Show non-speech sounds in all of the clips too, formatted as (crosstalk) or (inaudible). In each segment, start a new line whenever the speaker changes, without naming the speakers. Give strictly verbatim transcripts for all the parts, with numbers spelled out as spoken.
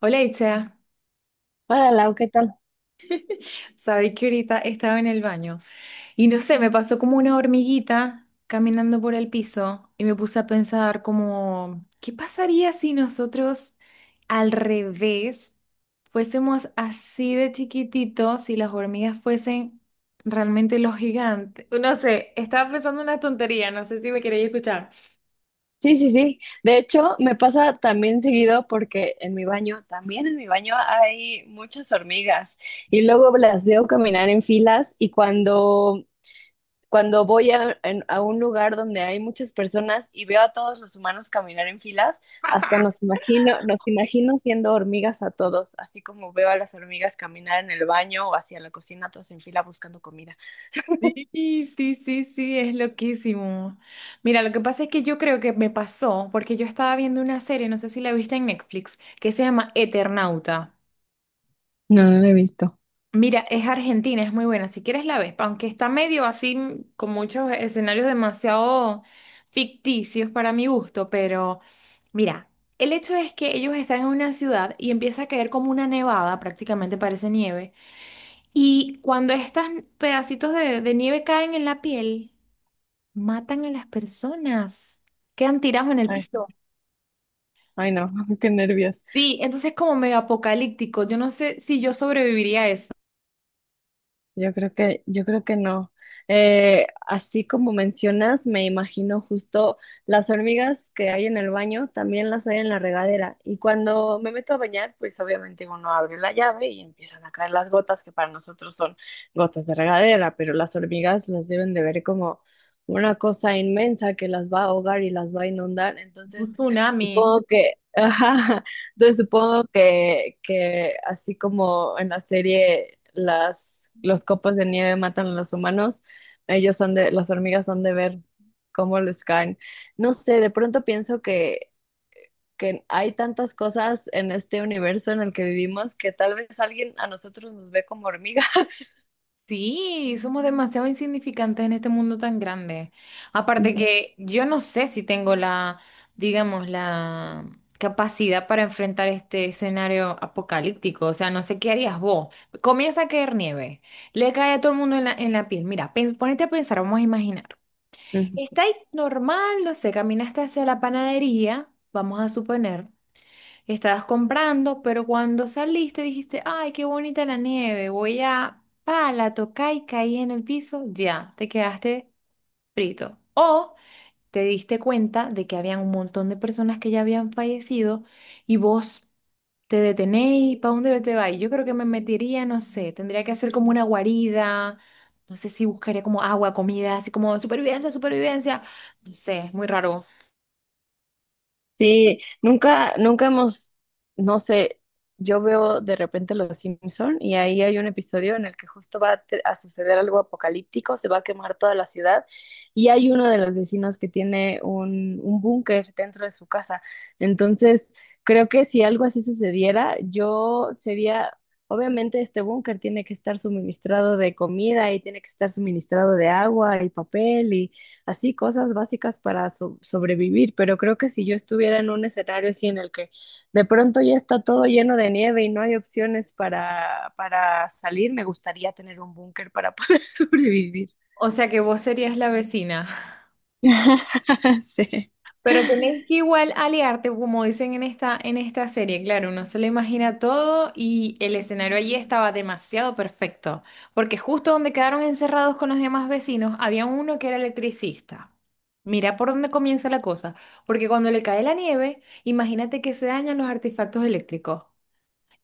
Hola Itza,
Hola, Lau, ¿qué tal?
sabéis que ahorita estaba en el baño y no sé, me pasó como una hormiguita caminando por el piso y me puse a pensar como, ¿qué pasaría si nosotros al revés fuésemos así de chiquititos si las hormigas fuesen realmente los gigantes? No sé, estaba pensando una tontería, no sé si me queréis escuchar.
Sí, sí, sí. De hecho, me pasa también seguido porque en mi baño, también en mi baño hay muchas hormigas y luego las veo caminar en filas y cuando, cuando voy a, en- a un lugar donde hay muchas personas y veo a todos los humanos caminar en filas, hasta nos imagino, nos imagino siendo hormigas a todos, así como veo a las hormigas caminar en el baño o hacia la cocina, todas en fila buscando comida.
Sí, sí, sí, sí, es loquísimo. Mira, lo que pasa es que yo creo que me pasó, porque yo estaba viendo una serie, no sé si la viste en Netflix, que se llama Eternauta.
No, no lo he visto.
Mira, es argentina, es muy buena, si quieres la ves, aunque está medio así, mm, con muchos escenarios demasiado ficticios para mi gusto, pero mira, el hecho es que ellos están en una ciudad y empieza a caer como una nevada, prácticamente parece nieve, y cuando estos pedacitos de de nieve caen en la piel, Matan a las personas. Quedan tirados en el
Ay,
piso.
ay, no, (laughs) qué nervios.
Sí, entonces es como medio apocalíptico. Yo no sé si yo sobreviviría a eso.
Yo creo que, yo creo que no. Eh, así como mencionas, me imagino justo las hormigas que hay en el baño, también las hay en la regadera. Y cuando me meto a bañar, pues obviamente uno abre la llave y empiezan a caer las gotas, que para nosotros son gotas de regadera, pero las hormigas las deben de ver como una cosa inmensa que las va a ahogar y las va a inundar.
Un
Entonces,
tsunami.
supongo que, (laughs) Entonces supongo que, que así como en la serie las los copos de nieve matan a los humanos, ellos son de, las hormigas son de ver cómo les caen. No sé, de pronto pienso que, que hay tantas cosas en este universo en el que vivimos que tal vez alguien a nosotros nos ve como hormigas.
Sí, somos demasiado insignificantes en este mundo tan grande.
(laughs)
Aparte
Ujú.
que yo no sé si tengo la, digamos, la capacidad para enfrentar este escenario apocalíptico. O sea, no sé qué harías vos. Comienza a caer nieve. Le cae a todo el mundo en la, en la piel. Mira, pens- ponete a pensar, vamos a imaginar.
Ujú.
Está ahí normal, no sé, caminaste hacia la panadería, vamos a suponer, estabas comprando, pero cuando saliste dijiste, ay, qué bonita la nieve, voy a, pa, la toqué y caí en el piso, ya, te quedaste frito. O te diste cuenta de que habían un montón de personas que ya habían fallecido y vos te detenés, ¿para dónde te vas? Yo creo que me metería, no sé, tendría que hacer como una guarida, no sé si buscaría como agua, comida, así como supervivencia, supervivencia, no sé, es muy raro.
Sí, nunca, nunca hemos, no sé, yo veo de repente Los Simpson y ahí hay un episodio en el que justo va a, te- a suceder algo apocalíptico, se va a quemar toda la ciudad y hay uno de los vecinos que tiene un, un búnker dentro de su casa. Entonces, creo que si algo así sucediera, yo sería, obviamente este búnker tiene que estar suministrado de comida y tiene que estar suministrado de agua y papel así cosas básicas para so- sobrevivir, pero creo que si yo estuviera en un escenario así en el que de pronto ya está todo lleno de nieve y no hay opciones para, para salir, me gustaría tener un búnker para poder (laughs) sobrevivir.
O sea que vos serías la vecina.
(laughs) Sí,
Pero tenés que igual aliarte, como dicen en esta, en esta serie, claro, uno se lo imagina todo y el escenario allí estaba demasiado perfecto, porque justo donde quedaron encerrados con los demás vecinos, había uno que era electricista. Mira por dónde comienza la cosa, porque cuando le cae la nieve, imagínate que se dañan los artefactos eléctricos.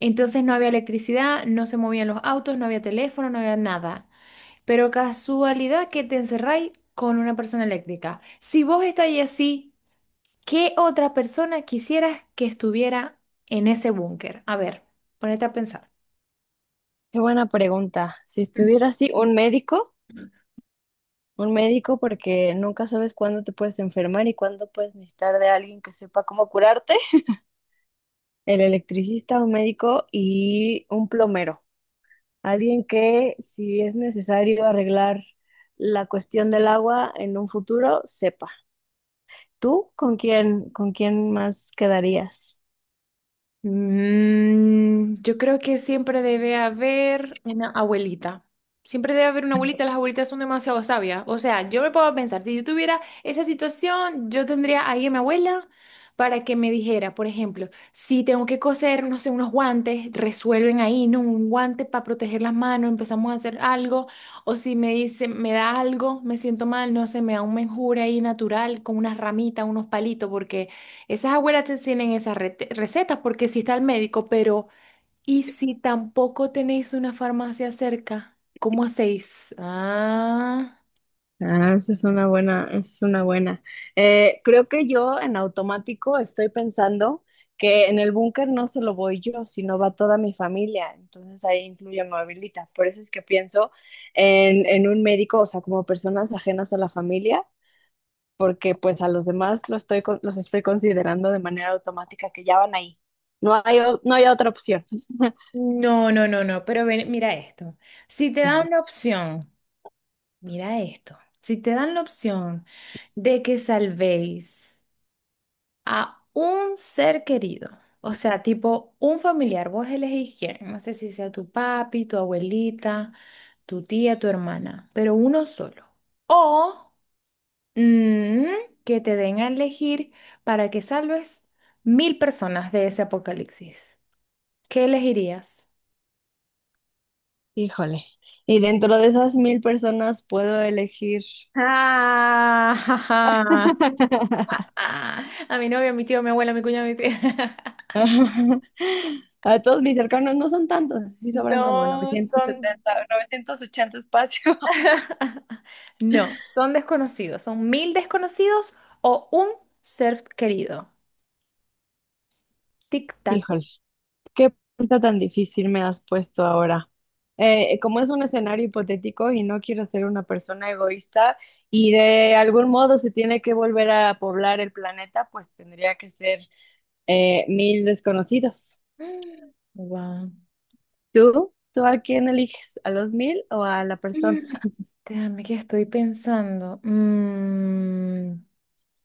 Entonces no había electricidad, no se movían los autos, no había teléfono, no había nada. Pero casualidad que te encerráis con una persona eléctrica. Si vos estáis así... ¿Qué otra persona quisieras que estuviera en ese búnker? A ver, ponete a pensar.
qué buena pregunta. Si estuviera así, un médico, un médico porque nunca sabes cuándo te puedes enfermar y cuándo puedes necesitar de alguien que sepa cómo curarte, el electricista, un médico y un plomero. Alguien que, si es necesario arreglar la cuestión del agua en un futuro, sepa. ¿Tú con quién, con quién más quedarías?
Mm, yo creo que siempre debe haber una abuelita. Siempre debe haber una abuelita. Las abuelitas son demasiado sabias. O sea, yo me puedo pensar, si yo tuviera esa situación, yo tendría ahí a mi abuela para que me dijera, por ejemplo, si tengo que coser, no sé, unos guantes, resuelven ahí, ¿no? Un guante para proteger las manos, empezamos a hacer algo. O si me dice, me da algo, me siento mal, no sé, me da un menjure ahí natural con unas ramitas, unos palitos, porque... Esas abuelas te enseñan esas rete- recetas porque si está el médico, pero ¿y si tampoco tenéis una farmacia cerca? ¿Cómo hacéis? Ah,
Ah, esa es una buena, esa es una buena. Eh, creo que yo en automático estoy pensando que en el búnker no solo voy yo, sino va toda mi familia. Entonces ahí incluye a mi abuelita. Por eso es que pienso en, en un médico, o sea, como personas ajenas a la familia porque pues a los demás los estoy, con- los estoy considerando de manera automática que ya van ahí. No hay, o- no hay otra opción.
No, no, no, no, pero ven, mira esto. Si te
Ajá.
dan la opción, mira esto. Si te dan la opción de que salvéis a un ser querido, o sea, tipo un familiar, vos elegís quién, no sé si sea tu papi, tu abuelita, tu tía, tu hermana, pero uno solo. O Mm, que te den a elegir para que salves mil personas de ese apocalipsis. ¿Qué elegirías?
Híjole. Y dentro de esas mil personas puedo elegir.
Ah, (laughs) ja, ja.
(laughs)
Ah, A mi novio, a mi tío, a mi abuela, a mi cuñado, a mi tía. (laughs)
A todos mis cercanos no son tantos, sí sobran como
No
novecientos
son.
setenta novecientos ochenta espacios. (laughs)
(laughs) No, son desconocidos. Son mil desconocidos o un ser querido. Tic-tac.
Híjole. Qué pregunta tan difícil me has puesto ahora. Eh, como es un escenario hipotético y no quiero ser una persona egoísta y de algún modo se tiene que volver a poblar el planeta, pues tendría que ser eh, mil desconocidos.
Wow.
¿Tú? ¿Tú a quién eliges? ¿A los mil o a la persona?
Déjame que estoy pensando. Mm.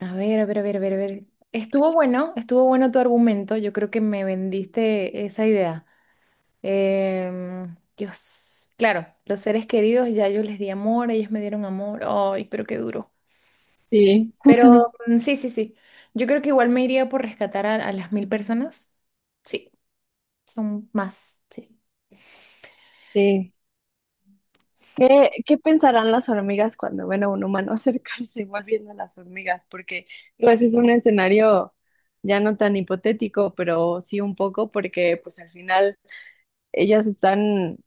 A ver, a ver, a ver, a ver, a ver. Estuvo bueno, estuvo bueno tu argumento. Yo creo que me vendiste esa idea. Em, Dios, claro, los seres queridos ya yo les di amor, ellos me dieron amor. Ay, pero qué duro.
Sí,
Pero mm, sí, sí, sí. Yo creo que igual me iría por rescatar a, a las mil personas. Sí, son más, sí.
sí. ¿Qué, qué pensarán las hormigas cuando ven a un humano (laughs) acercarse igual viendo a las hormigas? Porque igual es un escenario ya no tan hipotético, pero sí un poco, porque pues al final ellas están,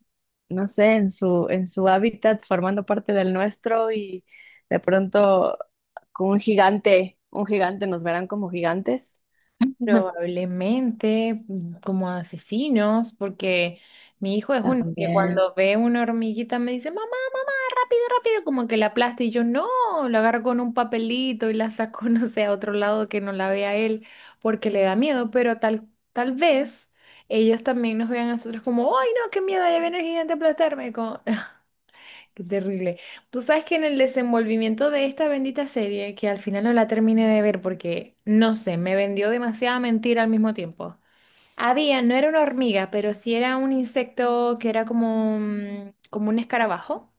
no sé, en su, en su hábitat formando parte del nuestro y de pronto con un gigante, un gigante nos verán como gigantes. (laughs)
Probablemente mm, como asesinos, porque mi hijo es uno que
También,
cuando ve una hormiguita me dice, mamá. rápido, rápido, como que la aplasta y yo no, la agarro con un papelito y la saco, (laughs) no sé, a otro lado que no la vea él, porque le da miedo, pero tal, tal vez ellos también nos vean a nosotros como, ay, no, qué miedo, ahí viene el gigante a aplastarme, como, (laughs) qué terrible. Tú sabes que en el desenvolvimiento de esta bendita serie, que al final no la terminé de ver porque, no sé, me vendió demasiada mentira al mismo tiempo. Había, no era una hormiga, pero sí era un insecto que era como, un- como un escarabajo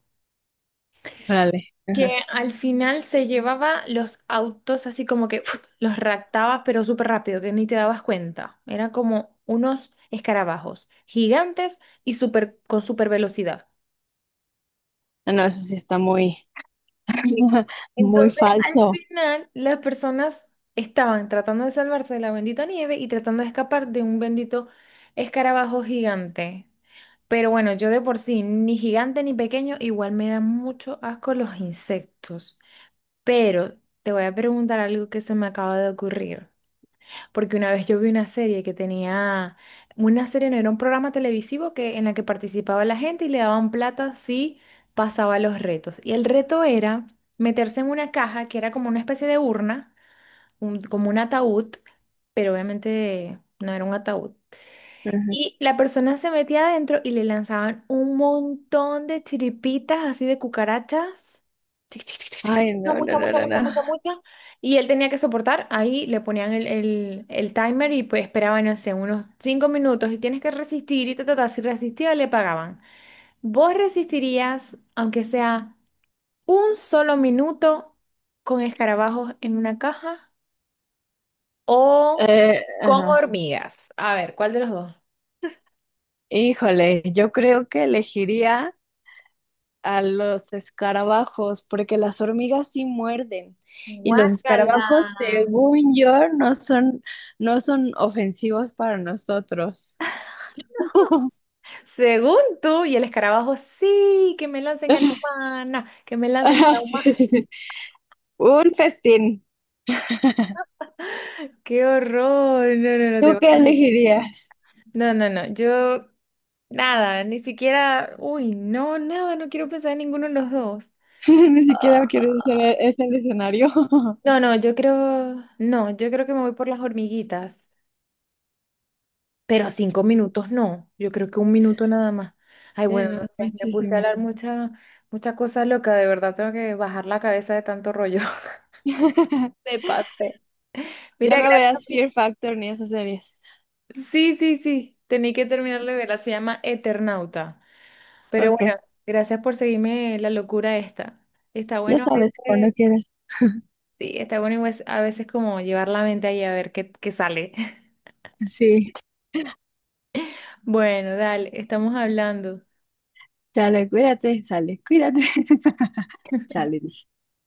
órale.
que
Ajá.
al final se llevaba los autos así como que ¡fuf! Los raptaba, pero súper rápido, que ni te dabas cuenta. Eran como unos escarabajos gigantes y súper, con súper velocidad.
Ah, no, eso sí está muy,
Sí.
(laughs) muy
Entonces, al
falso.
final, las personas estaban tratando de salvarse de la bendita nieve y tratando de escapar de un bendito escarabajo gigante. Pero bueno, yo de por sí, ni gigante ni pequeño, igual me dan mucho asco los insectos. Pero te voy a preguntar algo que se me acaba de ocurrir. Porque una vez yo vi una serie que tenía, una serie no era un programa televisivo que, en la que participaba la gente y le daban plata si pasaba los retos. Y el reto era meterse en una caja que era como una especie de urna, un- como un ataúd, pero obviamente no era un ataúd.
Ajá.
Y la persona se metía adentro y le lanzaban un montón de chiripitas así de cucarachas. Tic, tic, tic, tic, tic.
Ay, no, no,
Mucha,
no,
mucha, mucha,
no,
mucha,
no.
mucha, mucha. Y él tenía que soportar. Ahí le ponían el, el- el timer y pues esperaban, no sé, unos cinco minutos y tienes que resistir y ta, ta, ta. Si resistía, le pagaban. ¿Vos resistirías, aunque sea un solo minuto, con escarabajos en una caja o
Eh,
con
ajá.
hormigas? A ver, ¿cuál de los dos?
Híjole, yo creo que elegiría a los escarabajos, porque las hormigas sí muerden. Y los
Guácala.
escarabajos, según yo, no son, no son ofensivos para nosotros. (laughs)
Según tú, y el escarabajo, sí, que me lancen a la humana, que me lancen
Ajá,
a la
sí.
humana.
sí, sí. Un festín.
¡Qué horror! No, no, no, te
¿Tú
vas
qué
a-
elegirías?
No, no, no, yo nada, ni siquiera, uy, no, nada, no quiero pensar en ninguno de los dos.
(laughs) Ni siquiera quiero ese, ese escenario. (laughs)
No, no, yo creo, no, yo creo que me voy por las hormiguitas, pero cinco minutos no, yo creo que un minuto nada más. Ay,
Sí,
bueno,
no,
no sé, me puse a
muchísimo.
hablar mucha, mucha cosa loca, de verdad tengo que bajar la cabeza de tanto rollo. (laughs)
(laughs)
Me pasé.
Ya
Mira,
no
gracias
veas Fear Factor ni esas series.
Sí, sí, sí, tenía que terminar de verla, se llama Eternauta. Pero
Ok,
bueno, gracias por seguirme la locura esta. Está
ya
bueno a
sabes
veces,
cuando quieras.
sí, está bueno a veces como llevar la mente ahí a ver qué, qué sale. (laughs)
Sí,
Bueno, dale, estamos hablando.
chale, cuídate, sale, cuídate. (laughs) Chale, dije.